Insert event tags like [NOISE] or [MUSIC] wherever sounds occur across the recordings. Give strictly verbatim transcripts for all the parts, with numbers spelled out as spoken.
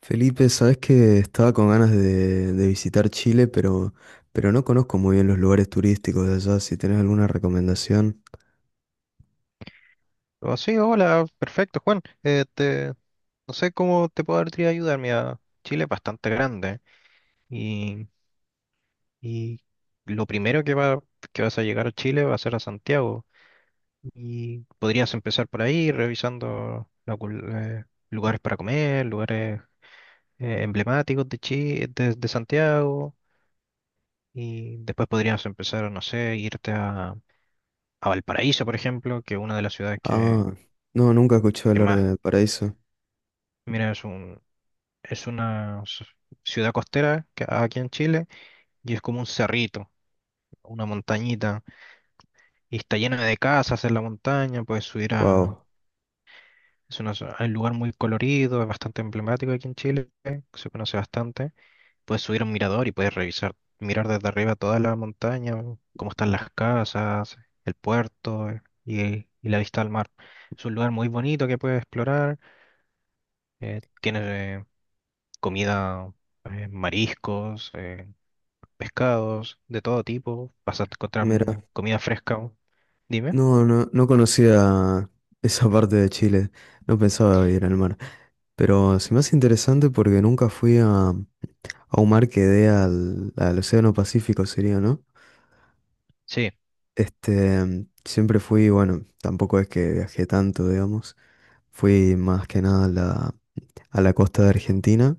Felipe, sabes que estaba con ganas de, de visitar Chile, pero, pero no conozco muy bien los lugares turísticos de allá. Si tenés alguna recomendación. Oh, sí, hola, perfecto, Juan. Eh, te- no sé cómo te podría ayudar. Mira, Chile es bastante grande y, y lo primero que va, que vas a llegar a Chile va a ser a Santiago. Y podrías empezar por ahí, revisando la cul- eh, lugares para comer, lugares eh, emblemáticos de Chile, de, de Santiago. Y después podrías empezar, no sé, irte a, a Valparaíso, por ejemplo, que es una de las ciudades que, Ah, no, nunca escuché que hablar más. de Paraíso. Mira, es un, Es una s- ciudad costera que aquí en Chile y es como un cerrito, una montañita. Y está llena de casas en la montaña, puedes subir a... Wow, Es una zo- un lugar muy colorido, es bastante emblemático aquí en Chile, que se conoce bastante. Puedes subir a un mirador y puedes revisar, mirar desde arriba toda la montaña, cómo están las casas, el puerto eh, y, y la vista al mar. Es un lugar muy bonito que puedes explorar. Eh, tienes eh, comida, eh, mariscos. Eh, pescados de todo tipo, vas a encontrar mira, mu- comida fresca. ¿No? Dime. no, no, no conocía [LAUGHS] esa parte de Chile. No pensaba ir al mar. Pero se me hace interesante porque nunca fui a, a un mar que dé al, al Océano Pacífico, sería, ¿no? Sí, Este, siempre fui, bueno, tampoco es que viajé tanto, digamos. Fui más que nada a la, a la costa de Argentina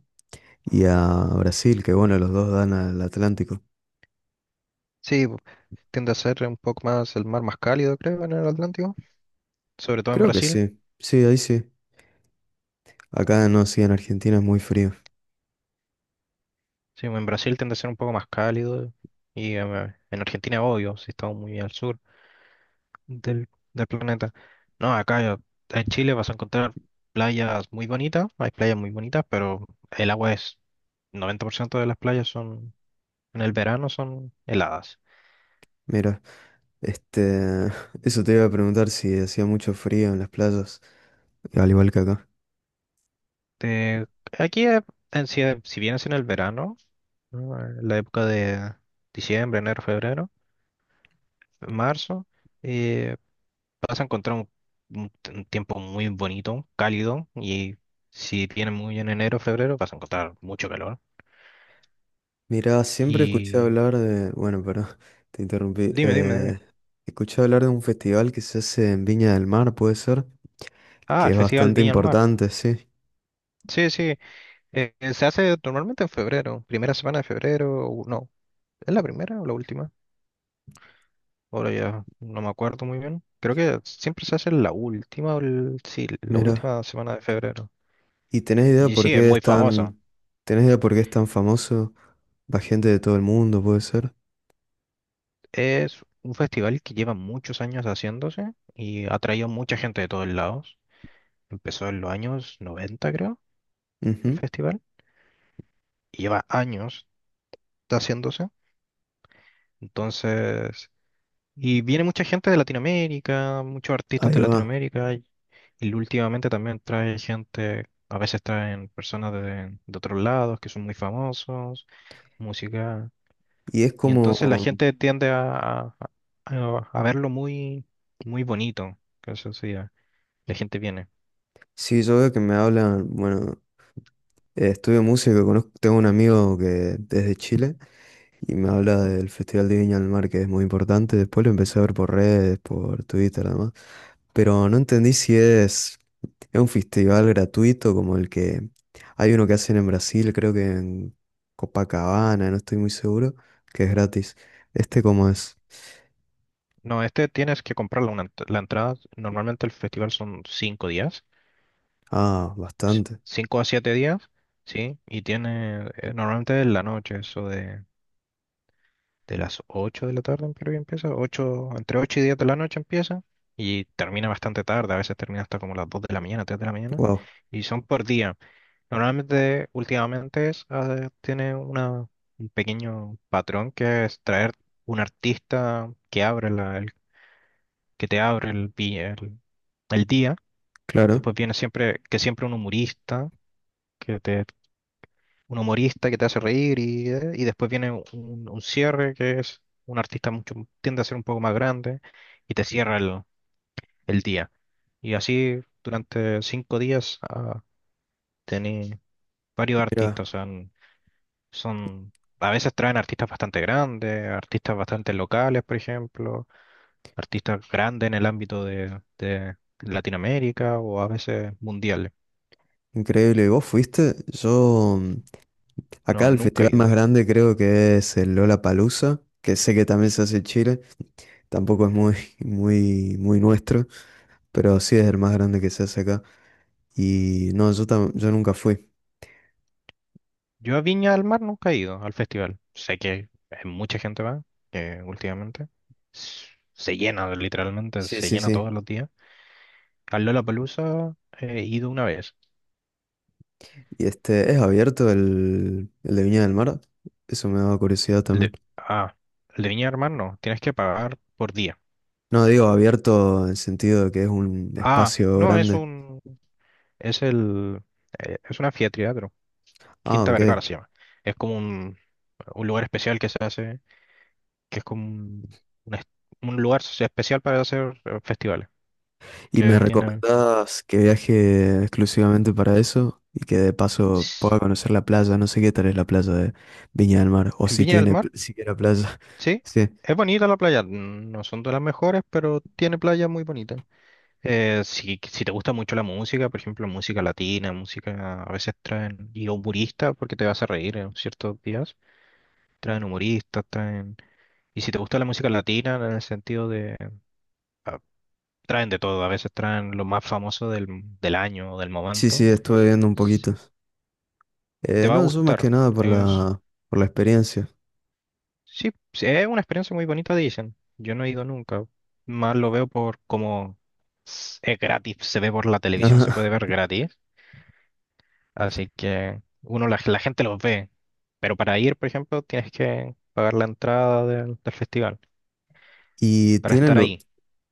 y a Brasil, que bueno, los dos dan al Atlántico. sí, bu- tiende a ser un poco más el mar más cálido, creo, en el Atlántico, sobre todo en Creo que Brasil. sí, sí, ahí sí. Acá no, sí, en Argentina es muy frío. Sí, en Brasil tiende a ser un poco más cálido y em, eh, en Argentina, obvio, si estamos muy al sur del, del planeta. No, acá en Chile vas a encontrar playas muy bonitas, hay playas muy bonitas, pero el agua es, noventa por ciento de las playas son, en el verano son heladas. Mira, este, [LAUGHS] eso te iba a preguntar si hacía mucho frío en las playas, al igual que acá. Este, aquí, eh, en, si, si bien es en el verano, ¿no? En la época de diciembre, enero, febrero, marzo, eh, vas a encontrar un, un t- un tiempo muy bonito, cálido, y si viene muy en enero, febrero, vas a encontrar mucho calor. Mira, siempre escuché Y hablar de, bueno, pero [LAUGHS] te interrumpí. dime, dime, dime. Eh, escuché hablar de un festival que se hace en Viña del Mar, puede ser, Ah, que el es Festival bastante Viña al Mar. importante, sí. Sí, sí, eh, se hace normalmente en febrero, primera semana de febrero, o no, ¿es la primera o la última? Ahora ya no me acuerdo muy bien. Creo que siempre se hace en la última, o el- sí, la Mira. última semana de febrero. ¿Y tenés idea Y por sí, es qué es muy famoso. tan, tenés idea por qué es tan famoso? Va gente de todo el mundo, puede ser. Es un festival que lleva muchos años haciéndose y ha traído mucha gente de todos lados. Empezó en los años noventa creo, el Ujú. festival. Y lleva años haciéndose. Entonces, Y viene mucha gente de Latinoamérica, muchos artistas Ahí de va. Latinoamérica, y, y últimamente también trae gente, a veces traen personas de, de otros lados que son muy famosos, música. Y es Y como, entonces la gente tiende a, a, a- a verlo muy, muy bonito, que eso sí, ya, la gente viene. si yo veo que me hablan, bueno, Eh, estudio música, conozco, tengo un amigo que es de Chile y me habla del Festival de Viña del Mar, que es muy importante. Después lo empecé a ver por redes, por Twitter, además. Pero no entendí si es, es un festival gratuito como el que hay uno que hacen en Brasil, creo que en Copacabana, no estoy muy seguro, que es gratis. ¿Este cómo es? No, este tienes que comprar la, una ent- la entrada, normalmente el festival son cinco días, Ah, ci- bastante. cinco a siete días, ¿sí? Y tiene, eh, normalmente en la noche, eso de... de las ocho de la tarde en Perú ya empieza, ocho entre ocho y diez de la noche empieza y termina bastante tarde, a veces termina hasta como las dos de la mañana, tres de la mañana Wow, y son por día. Normalmente, últimamente es, ah, tiene una, un pequeño patrón que es traer un artista que abre la, el- que te abre el, vi- el, el día. claro. Después viene siempre, que siempre un humorista. Que te Un humorista que te hace reír y, eh, y después viene un, un cierre que es un artista mucho, tiende a ser un poco más grande y te cierra el, el día. Y así durante cinco días ah, tení varios Mira, artistas. O sea, n- son, a veces traen artistas bastante grandes, artistas bastante locales, por ejemplo, artistas grandes en el ámbito de, de Latinoamérica o a veces mundiales. increíble. ¿Vos fuiste? Yo. mm, Acá No, el nunca festival he más ido. grande creo que es el Lollapalooza, que sé que también se hace en Chile, tampoco es muy, [LAUGHS] muy, muy nuestro, pero sí es el más grande que se hace acá. Y no, yo, tam- yo nunca fui. Yo a Viña del Mar nunca he ido al festival. Sé que eh, mucha gente va, que últimamente s- se llena, literalmente, Sí, se sí, llena sí. todos los días. Al Lollapalooza he ido una vez. Y este, ¿es abierto el, el de Viña del Mar? Eso me daba curiosidad El también. de, ah, el de Viña del Mar no, tienes que pagar por día. No, digo abierto en el sentido de que es un Ah, espacio no, es grande. un, es el, eh, es una anfiteatro, Ah, Quinta ok. Vergara se llama. Es como un, un lugar especial que se hace, que es como un, un es- un lugar especial para hacer eh, festivales, ¿Y que me tiene... recomendás que viaje exclusivamente para eso? Y que de paso pueda conocer la playa. No sé qué tal es la playa de Viña del Mar. O En si Viña del tiene pl- Mar siquiera playa. [LAUGHS] sí, Sí, es bonita la playa, no son de las mejores, pero tiene playas muy bonitas. Eh, si, si te gusta mucho la música, por ejemplo, música latina, música a veces traen, y humoristas, porque te vas a reír en ciertos días, traen humoristas, traen... Y si te gusta la música latina, en el sentido de... ah, traen de todo, a veces traen lo más famoso del, del año o del sí, momento, sí, estuve viendo un s- poquito. te Eh, va a No, yo más que gustar. nada por la, por la experiencia. Sí, sí, es una experiencia muy bonita, dicen. Yo no he ido nunca. Más lo veo por como s- es gratis, se ve por la televisión, se puede [LAUGHS] ver gratis. Así que uno, la, la gente los ve. Pero para ir, por ejemplo, tienes que pagar la entrada del, del festival Y para tiene, estar lu- ahí.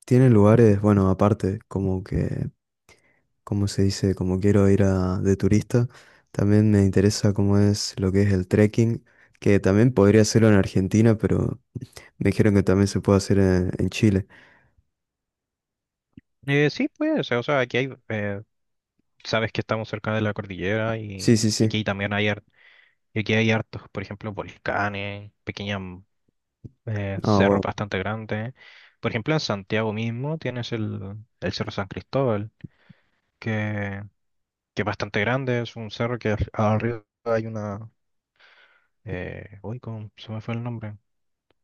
tiene lugares, bueno, aparte, como que, como se dice, como quiero ir a, de turista, también me interesa cómo es lo que es el trekking, que también podría hacerlo en Argentina, pero me dijeron que también se puede hacer en, en Chile. Eh, sí, pues, o sea, aquí hay, eh, sabes que estamos cerca de la cordillera Sí, y, sí, y sí. aquí también hay, har- y aquí hay hartos, por ejemplo, volcanes, pequeñas eh, Ah, cerros wow. bastante grandes. Por ejemplo, en Santiago mismo tienes el, el Cerro San Cristóbal, que, que es bastante grande, es un cerro que al- arriba hay una. Eh, uy, ¿cómo se me fue el nombre?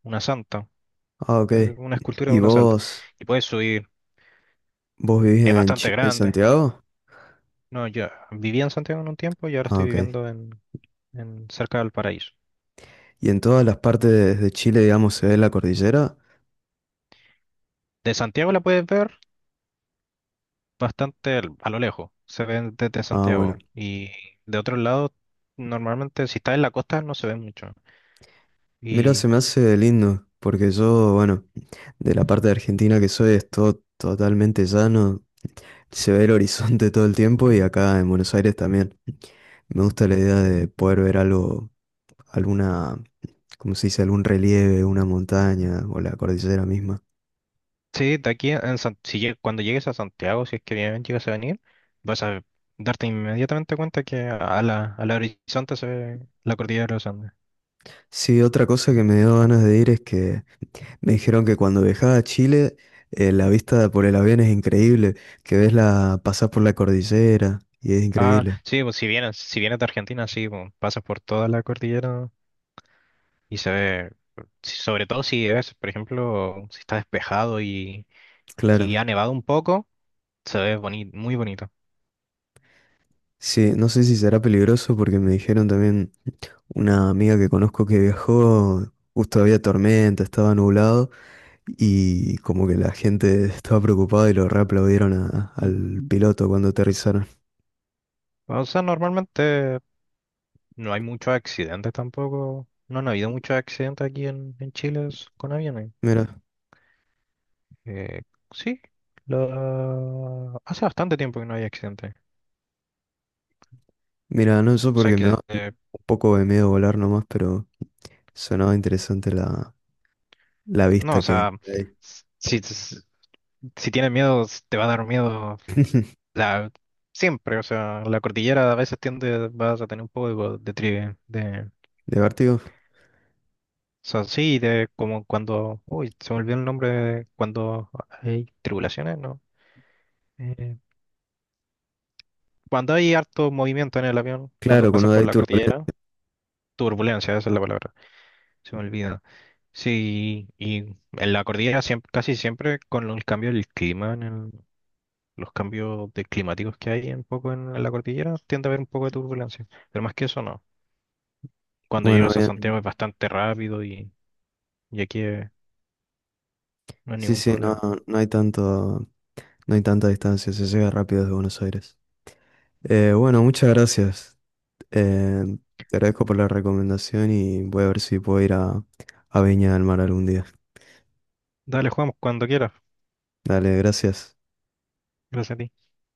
Una santa, Ah, ok. eh, una escultura de ¿Y una santa. vos, Y puedes subir, vos vivís es en, bastante Chi- en grande. Santiago? No, yo vivía en Santiago en un tiempo y ahora Ah, estoy ok. viviendo en, en cerca del Paraíso. ¿Y en todas las partes de Chile, digamos, se ve la cordillera? De Santiago la puedes ver bastante al- a lo lejos, se ven desde Ah, bueno. Santiago. Y de otro lado, normalmente si estás en la costa no se ven mucho. Mira, se Y me hace lindo, porque yo, bueno, de la parte de Argentina que soy es todo totalmente llano, se ve el [LAUGHS] horizonte todo el tiempo y acá en Buenos Aires también. Me gusta la idea de poder ver algo, alguna, ¿cómo se dice? Algún relieve, una montaña o la cordillera misma. sí, de aquí en San- si lleg- cuando llegues a Santiago, si es que bien llegas a venir, vas a darte inmediatamente cuenta que a la, a la horizonte se ve la cordillera de los Andes. Sí, otra cosa que me dio ganas de ir es que me dijeron que cuando viajaba a Chile, eh, la vista por el avión es increíble, que ves la, pasás por la cordillera y es Ah, increíble. sí, pues si vienes, si vienes de Argentina, sí, pues, pasas por toda la cordillera y se ve, si- sobre todo si es, por ejemplo, si está despejado y, Claro. y ha nevado un poco, se ve boni- muy bonito. Sí, no sé si será peligroso porque me dijeron también una amiga que conozco que viajó, justo había tormenta, estaba nublado y como que la gente estaba preocupada y lo reaplaudieron a- al piloto cuando aterrizaron. O sea, normalmente no hay muchos accidentes tampoco. No han habido muchos accidentes aquí en, en Chile s- con aviones. Mira, Eh, sí, la- hace bastante tiempo que no hay accidentes. mira, no eso O sea porque me da que, un eh, poco de miedo volar nomás, pero sonaba interesante la, la no, o vista que sea, hay. s- si, s- si tienes miedo, s- te va a dar miedo [LAUGHS] la, siempre. O sea, la cordillera a veces tiende, vas a tener un poco de, tri- de, o ¿De vértigo? sea, sí, de como cuando, uy, se me olvidó el nombre, de cuando hay tribulaciones, ¿no? Eh, Cuando hay harto movimiento en el avión, cuando Claro, pasas cuando por hay la turbulencia. cordillera, turbulencia, esa es la palabra, se me olvida. Sí, y en la cordillera siempre, casi siempre con el cambio del clima, en el- los cambios de climáticos que hay un poco en, en la cordillera, tiende a haber un poco de turbulencia. Pero más que eso, no. Cuando Bueno, llegas a bien. Santiago es bastante rápido y, y aquí eh, no hay Sí, ningún sí, no, problema. no hay tanto, no hay tanta distancia, se llega rápido desde Buenos Aires. Eh, bueno, muchas gracias. Eh, Te agradezco por la recomendación y voy a ver si puedo ir a, a Viña del Mar algún día. Dale, jugamos cuando quieras. Dale, gracias. Gracias a ti.